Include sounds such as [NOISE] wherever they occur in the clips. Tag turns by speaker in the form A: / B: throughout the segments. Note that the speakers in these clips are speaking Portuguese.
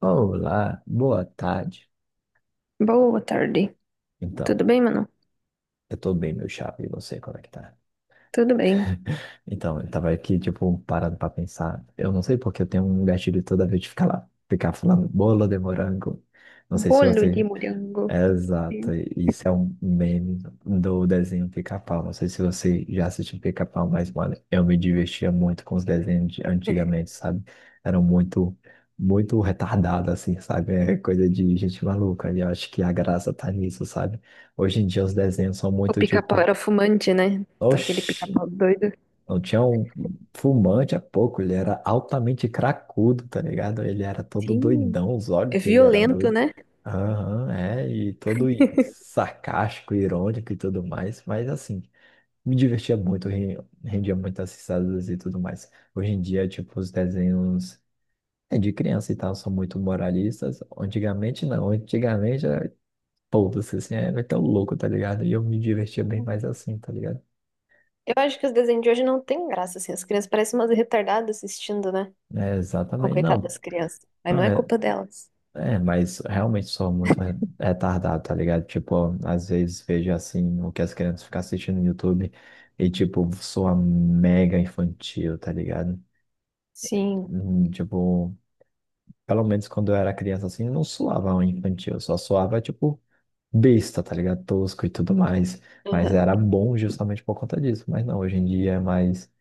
A: Olá, boa tarde.
B: Boa tarde.
A: Então,
B: Tudo bem, Manu?
A: eu tô bem, meu chapa, e você, como é que tá?
B: Tudo bem.
A: Então, eu tava aqui, tipo, parado pra pensar. Eu não sei porque eu tenho um gatilho toda vez de ficar lá, ficar falando bolo de morango. Não sei se
B: Bolo de
A: você.
B: morango.
A: Exato,
B: Sim.
A: isso é um meme do desenho Pica-Pau. Não sei se você já assistiu Pica-Pau, mas, mano, eu me divertia muito com os desenhos de antigamente, sabe? Eram muito, muito retardados, assim, sabe? É coisa de gente maluca. E eu acho que a graça tá nisso, sabe? Hoje em dia os desenhos são
B: O
A: muito
B: pica-pau
A: tipo,
B: era fumante, né? Aquele
A: oxi.
B: pica-pau doido.
A: Não tinha um fumante há pouco, ele era altamente cracudo, tá ligado? Ele era todo
B: Sim.
A: doidão, os olhos
B: É
A: dele era
B: violento,
A: doido.
B: né?
A: Aham, é, e todo sarcástico, irônico e tudo mais, mas assim, me divertia muito, rendia muitas risadas e tudo mais. Hoje em dia, tipo, os desenhos de criança e tal são muito moralistas. Antigamente não, antigamente era todo assim, era tão louco, tá ligado? E eu me divertia bem
B: Hum.
A: mais assim, tá ligado?
B: Eu acho que os desenhos de hoje não têm graça, assim. As crianças parecem umas retardadas assistindo, né?
A: É,
B: Ô,
A: exatamente,
B: coitada
A: não.
B: das crianças. Mas não é culpa delas.
A: É, mas realmente sou muito retardado, tá ligado? Tipo, às vezes vejo assim o que as crianças ficam assistindo no YouTube e, tipo, sou mega infantil, tá ligado?
B: Sim.
A: Tipo, pelo menos quando eu era criança assim, eu não suava um infantil, só suava tipo, besta, tá ligado? Tosco e tudo mais. Mas
B: Aham.
A: era bom justamente por conta disso. Mas não, hoje em dia é mais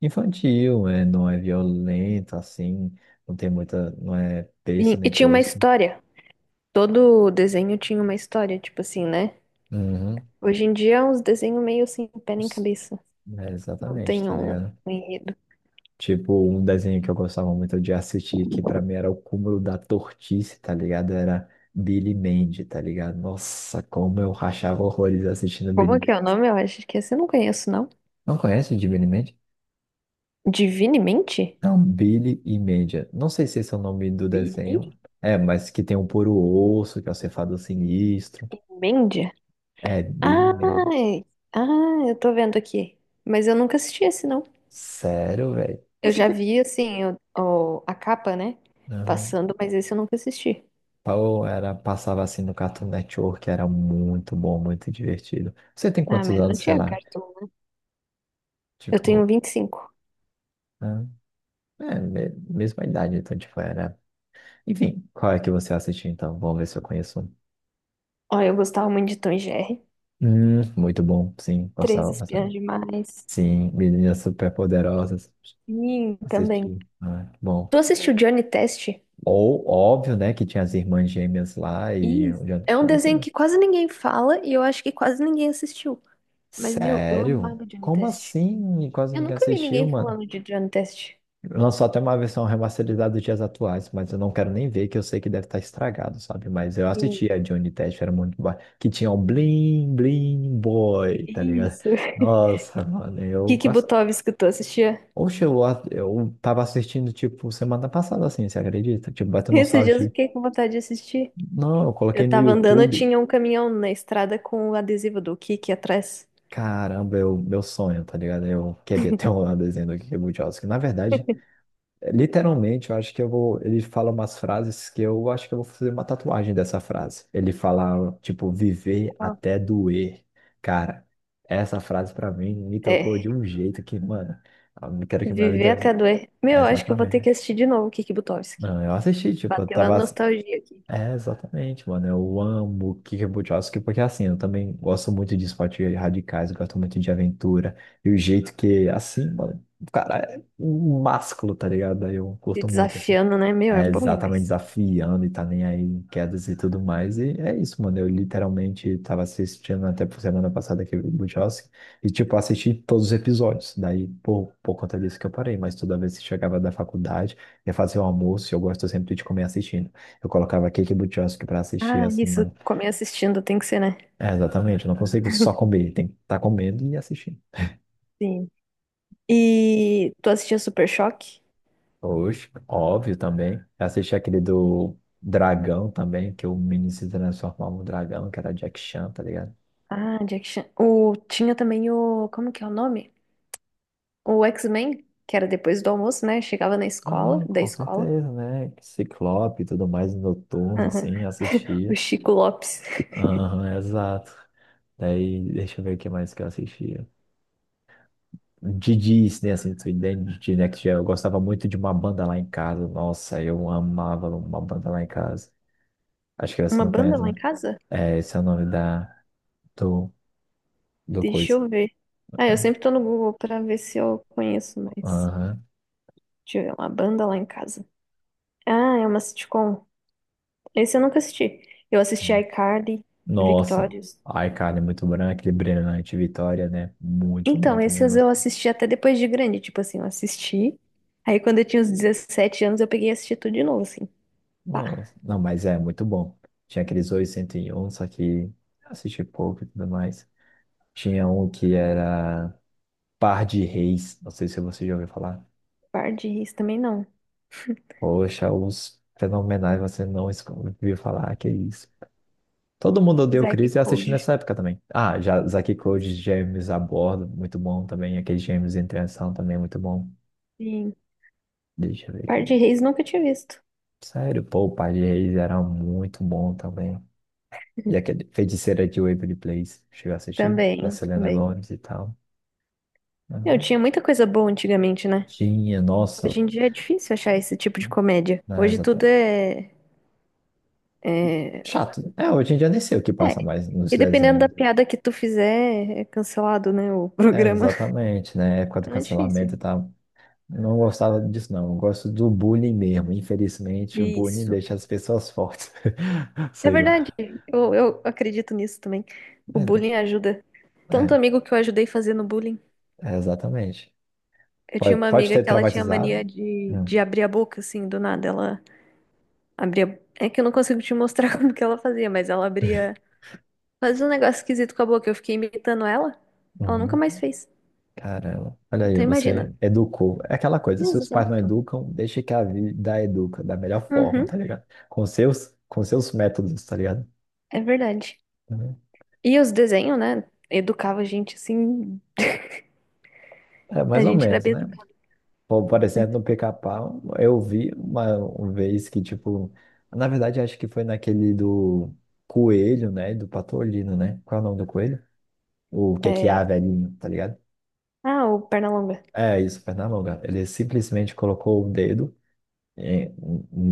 A: infantil, não é violento assim, não tem muita, não é besta
B: E
A: nem
B: tinha uma
A: tosco.
B: história. Todo desenho tinha uma história, tipo assim, né?
A: Uhum.
B: Hoje em dia é uns desenhos meio sem pé nem cabeça.
A: É,
B: Não
A: exatamente,
B: tem
A: tá
B: um,
A: ligado?
B: um enredo.
A: Tipo, um desenho que eu gostava muito de assistir, que pra mim era o cúmulo da tortice, tá ligado? Era Billy Mandy, tá ligado? Nossa, como eu rachava horrores assistindo Billy
B: Como que é
A: Mandy.
B: o nome? Eu acho que esse eu não conheço, não.
A: Não conhece de Billy Mandy?
B: Divinemente?
A: Não, Billy e Mandy. Não sei se esse é o nome do desenho.
B: Billy?
A: É, mas que tem o puro osso, que é o cefado sinistro.
B: Mendia?
A: É, Billy Mandy.
B: Ai, ah, eu tô vendo aqui. Mas eu nunca assisti esse, não.
A: Sério, velho?
B: Eu
A: Você
B: já
A: tem.
B: vi, assim, a capa, né?
A: Aham.
B: Passando, mas esse eu nunca assisti.
A: Ou era, passava assim no Cartoon Network, era muito bom, muito divertido. Você tem
B: Ah,
A: quantos
B: mas não
A: anos, sei
B: tinha
A: lá?
B: cartão, né? Eu tenho
A: Tipo,
B: 25.
A: né? Mesma idade, então, tipo, era. Enfim, qual é que você assistiu então? Vamos ver se eu conheço um.
B: Ó, eu gostava muito de Tom e Jerry.
A: Muito bom, sim,
B: Três
A: gostava bastante.
B: Espiãs Demais.
A: Sim, Meninas Superpoderosas,
B: Sim, também.
A: assisti. Ah, bom.
B: Tu assistiu Johnny Test?
A: Ou, óbvio, né, que tinha as irmãs gêmeas lá e o
B: Isso.
A: Jonathan
B: É um
A: Consta,
B: desenho
A: né?
B: que quase ninguém fala e eu acho que quase ninguém assistiu. Mas, meu, eu
A: Sério?
B: amava Johnny
A: Como
B: Test.
A: assim? Quase
B: Eu
A: ninguém
B: nunca vi
A: assistiu,
B: ninguém
A: mano.
B: falando de Drone Test.
A: Lançou até uma versão remasterizada dos dias atuais, mas eu não quero nem ver, que eu sei que deve estar estragado, sabe? Mas eu
B: Sim.
A: assisti a Johnny Test, era muito boa. Que tinha o Bling Bling Boy, tá ligado?
B: Isso. [LAUGHS]
A: Nossa, mano, eu
B: Kiki
A: gosto.
B: Butovski, tu assistia?
A: Oxe, eu tava assistindo, tipo, semana passada, assim, você acredita? Tipo, bateu
B: Esses dias eu
A: nostalgia.
B: fiquei com vontade de assistir.
A: Não, eu
B: Eu
A: coloquei no
B: tava andando, eu
A: YouTube.
B: tinha um caminhão na estrada com o adesivo do Kiki atrás.
A: Caramba, eu, meu sonho, tá ligado? Eu queria ter [LAUGHS] um desenho do Kiki Buttowski. Na verdade, literalmente, eu acho que eu vou. Ele fala umas frases que eu acho que eu vou fazer uma tatuagem dessa frase. Ele fala, tipo, viver
B: Qual?
A: até doer. Cara, essa frase pra mim me tocou de
B: É,
A: um jeito que, mano, eu não quero que minha
B: viver
A: vida.
B: até doer.
A: É,
B: Meu, acho que eu vou
A: exatamente,
B: ter que
A: né?
B: assistir de novo o Kiki Butovski.
A: Não, eu assisti, tipo, eu
B: Bateu a
A: tava.
B: nostalgia aqui.
A: É, exatamente, mano. Eu amo Kick Buttowski, porque assim, eu também gosto muito de esportes radicais, eu gosto muito de aventura. E o jeito que, assim, mano, o cara é um másculo, tá ligado? Aí eu
B: Se
A: curto muito, assim.
B: desafiando, né? Meu, é
A: É
B: bom
A: exatamente
B: demais.
A: desafiando e tá nem aí em quedas e tudo mais. E é isso, mano. Eu literalmente tava assistindo até por semana passada aquele do e, tipo, assisti todos os episódios. Daí, por conta disso que eu parei. Mas toda vez que chegava da faculdade, ia fazer o almoço e eu gosto sempre de comer assistindo. Eu colocava Cake do Chelsea pra assistir,
B: Ah,
A: assim,
B: isso.
A: mano.
B: Comer assistindo tem que ser, né?
A: É, exatamente. Eu não consigo só comer. Tem que estar tá comendo e assistindo.
B: Sim. E tu assistia Super Choque?
A: Oxe, óbvio também. Eu assisti aquele do Dragão também, que o menino se transformava no dragão, que era Jack Chan, tá ligado?
B: Ah, Jack Chan. O... Tinha também o. Como que é o nome? O X-Men, que era depois do almoço, né? Chegava na escola,
A: Ah,
B: da
A: com
B: escola.
A: certeza, né? Ciclope e tudo mais, noturno,
B: Aham.
A: assim,
B: O
A: assistia.
B: Chico Lopes.
A: Aham, exato. Daí, deixa eu ver o que mais que eu assistia. De Disney, assim, tu entende? De Next Gen. Eu gostava muito de Uma Banda Lá em Casa. Nossa, eu amava Uma Banda Lá em Casa. Acho que você
B: Uma
A: não
B: banda
A: conhece,
B: lá em
A: né?
B: casa?
A: É, esse é o nome do, do
B: Deixa
A: coisa.
B: eu ver. Ah, eu sempre tô no Google pra ver se eu conheço, mas.
A: Aham.
B: Deixa eu ver, uma banda lá em casa. Ah, é uma sitcom. Esse eu nunca assisti. Eu assisti iCarly,
A: Nossa,
B: Victorious.
A: a iCarly é muito bom, né? Aquele Brilhante Vitória, né? Muito bom
B: Então,
A: também.
B: esses
A: Nossa,
B: eu assisti até depois de grande. Tipo assim, eu assisti. Aí quando eu tinha uns 17 anos, eu peguei e assisti tudo de novo, assim. Pá,
A: Nossa. Não, mas é muito bom. Tinha aqueles 801, só que assisti pouco e tudo mais. Tinha um que era Par de Reis, não sei se você já ouviu falar.
B: par de ris também não.
A: Poxa, os fenomenais você não ouviu falar, que isso. Todo mundo odeia o
B: Zack e
A: Chris e eu assisti
B: Cody.
A: nessa época também. Ah, já Zack e Cody,
B: Ah,
A: Gêmeos a Bordo, muito bom também. Aquele Gêmeos em Transição também, é muito bom.
B: sim.
A: Deixa eu ver aqui.
B: Par de Reis nunca tinha visto.
A: Sério, pô, o Pai de Reis era muito bom também. E
B: [LAUGHS]
A: aquele Feiticeira de Waverly Place, chegou a assistir, da
B: Também,
A: Selena
B: também.
A: Gomez e tal.
B: Eu
A: Uhum.
B: tinha muita coisa boa antigamente, né?
A: Tinha, nossa,
B: Hoje em dia é difícil achar esse tipo de comédia.
A: né,
B: Hoje tudo
A: exatamente.
B: é,
A: Chato, né? É, hoje em dia nem sei o que passa
B: é.
A: mais nos
B: E dependendo da
A: desenhos.
B: piada que tu fizer, é cancelado, né? O
A: É,
B: programa. [LAUGHS]
A: exatamente, né? Época do
B: Então é difícil.
A: cancelamento e tal. Não gostava disso, não. Eu gosto do bullying mesmo. Infelizmente, o bullying
B: Isso.
A: deixa as pessoas fortes. [LAUGHS]
B: É
A: Sei
B: verdade.
A: lá.
B: Eu acredito nisso também. O
A: Mas
B: bullying ajuda. Tanto
A: é,
B: amigo que eu ajudei fazendo bullying.
A: é exatamente.
B: Eu tinha
A: Pode,
B: uma
A: pode
B: amiga
A: ter
B: que ela tinha mania
A: traumatizado.
B: de
A: Hum.
B: abrir a boca, assim, do nada. Ela abria. É que eu não consigo te mostrar [LAUGHS] como que ela fazia, mas ela abria. Fazia um negócio esquisito com a boca. Eu fiquei imitando ela. Ela nunca
A: Uhum.
B: mais fez.
A: Caramba, olha aí,
B: Então
A: você
B: imagina.
A: educou. É aquela coisa, se os pais não
B: Exato.
A: educam, deixa que a vida educa da melhor forma,
B: Uhum,
A: tá ligado? Com seus métodos, tá ligado?
B: é verdade.
A: Uhum.
B: E os desenhos, né? Educava a gente assim.
A: É,
B: A
A: mais ou
B: gente era
A: menos,
B: bem
A: né?
B: educado.
A: Por exemplo, no Pica-Pau, eu vi uma vez que, tipo, na verdade, acho que foi naquele do Coelho, né? Do Patolino, né? Qual é o nome do coelho? O que é que
B: É...
A: há, velhinho, tá ligado?
B: Ah, o Pernalonga.
A: É isso, Pernalonga. Ele simplesmente colocou o dedo. em-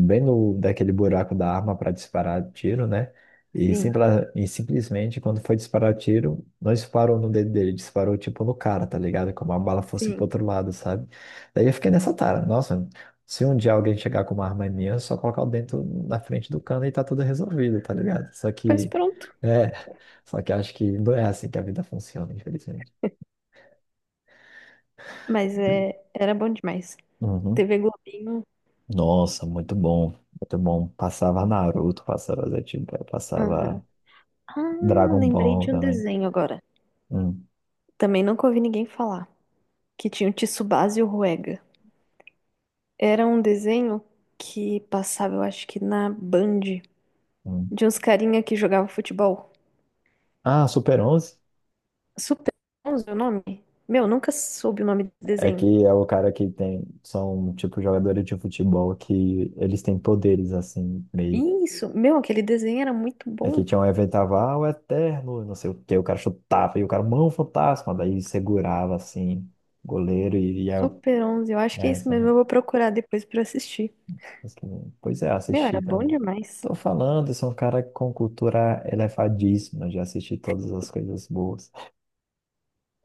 A: bem no daquele buraco da arma para disparar tiro, né? E,
B: Sim,
A: simpla, e simplesmente quando foi disparar tiro, não disparou no dedo dele, disparou tipo no cara, tá ligado? Como a bala fosse pro
B: sim.
A: outro lado, sabe? Daí eu fiquei nessa tara, nossa, se um dia alguém chegar com uma arma em mim, é só colocar o dentro na frente do cano e tá tudo resolvido, tá ligado?
B: Pois pronto.
A: É, só que acho que não é assim que a vida funciona, infelizmente.
B: Mas é... era bom demais.
A: Uhum.
B: TV Globinho.
A: Nossa, muito bom, muito bom. Passava Naruto, passava Zé Zetsu,
B: Aham.
A: passava
B: Ah,
A: Dragon
B: lembrei
A: Ball
B: de um
A: também.
B: desenho agora.
A: Hum,
B: Também nunca ouvi ninguém falar. Que tinha o Tsubasa e o Ruega. Era um desenho que passava, eu acho que na Band,
A: hum.
B: de uns carinha que jogava futebol.
A: Ah, Super 11.
B: Super 11 é o nome? Meu, nunca soube o nome do
A: É
B: desenho.
A: que é o cara que tem. São, tipo, jogadores de futebol que eles têm poderes, assim, meio.
B: Isso, meu, aquele desenho era muito
A: É que
B: bom.
A: tinha um evento, tava, o Eterno, não sei o quê, o cara chutava e o cara, mão fantasma, daí segurava, assim, goleiro e ia.
B: Super 11, eu acho que é isso
A: Essa,
B: mesmo,
A: né?
B: eu vou procurar depois pra assistir.
A: Mas que- Pois é,
B: Meu,
A: assisti
B: era bom
A: também.
B: demais.
A: Tô falando, sou um cara com cultura elevadíssima, já assisti todas as coisas boas,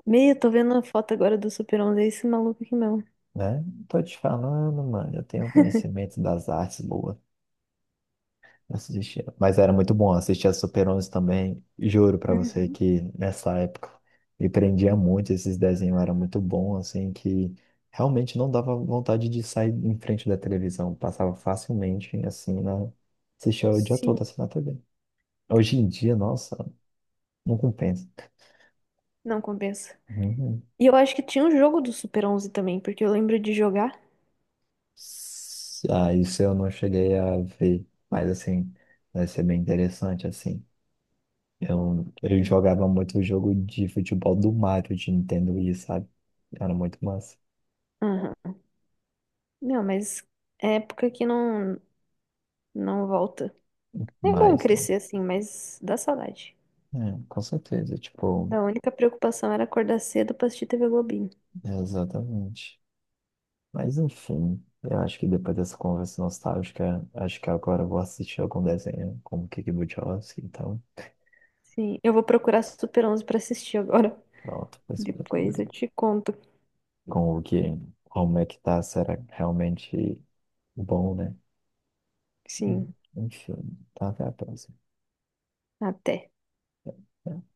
B: Meu, tô vendo a foto agora do Super 11, é esse maluco aqui mesmo.
A: né? Tô te falando, mano, eu tenho conhecimento das artes boas. Assistia. Mas era muito bom, assistia Super 11 também. Juro pra você
B: Uhum.
A: que nessa época me prendia muito, esses desenhos era muito bom, assim, que realmente não dava vontade de sair em frente da televisão. Passava facilmente, assim, assistia o dia
B: Sim,
A: todo, assim, na TV. Hoje em dia, nossa, não compensa.
B: não compensa.
A: Uhum.
B: E eu acho que tinha um jogo do Super 11 também, porque eu lembro de jogar.
A: Ah, isso eu não cheguei a ver, mas, assim, vai ser bem interessante, assim. Eu
B: Sim.
A: jogava muito o jogo de futebol do Mario de Nintendo Wii, sabe? Era muito massa.
B: Aham. Não, mas é época que não. Não volta. É bom
A: Mais, né?
B: crescer assim, mas dá saudade.
A: É, com certeza, tipo,
B: Da única preocupação era acordar cedo pra assistir TV Globinho.
A: exatamente. Mas enfim, eu acho que depois dessa conversa nostálgica, acho que agora eu vou assistir algum desenho como Kiki Budiowski, então,
B: Sim, eu vou procurar Super 11 pra assistir agora.
A: pronto, vai
B: [LAUGHS]
A: ser
B: Depois
A: loucura.
B: eu te conto.
A: Com o que, como é que tá, será realmente bom, né?
B: Sim,
A: Enfim, tá, até a próxima.
B: até.
A: É, é.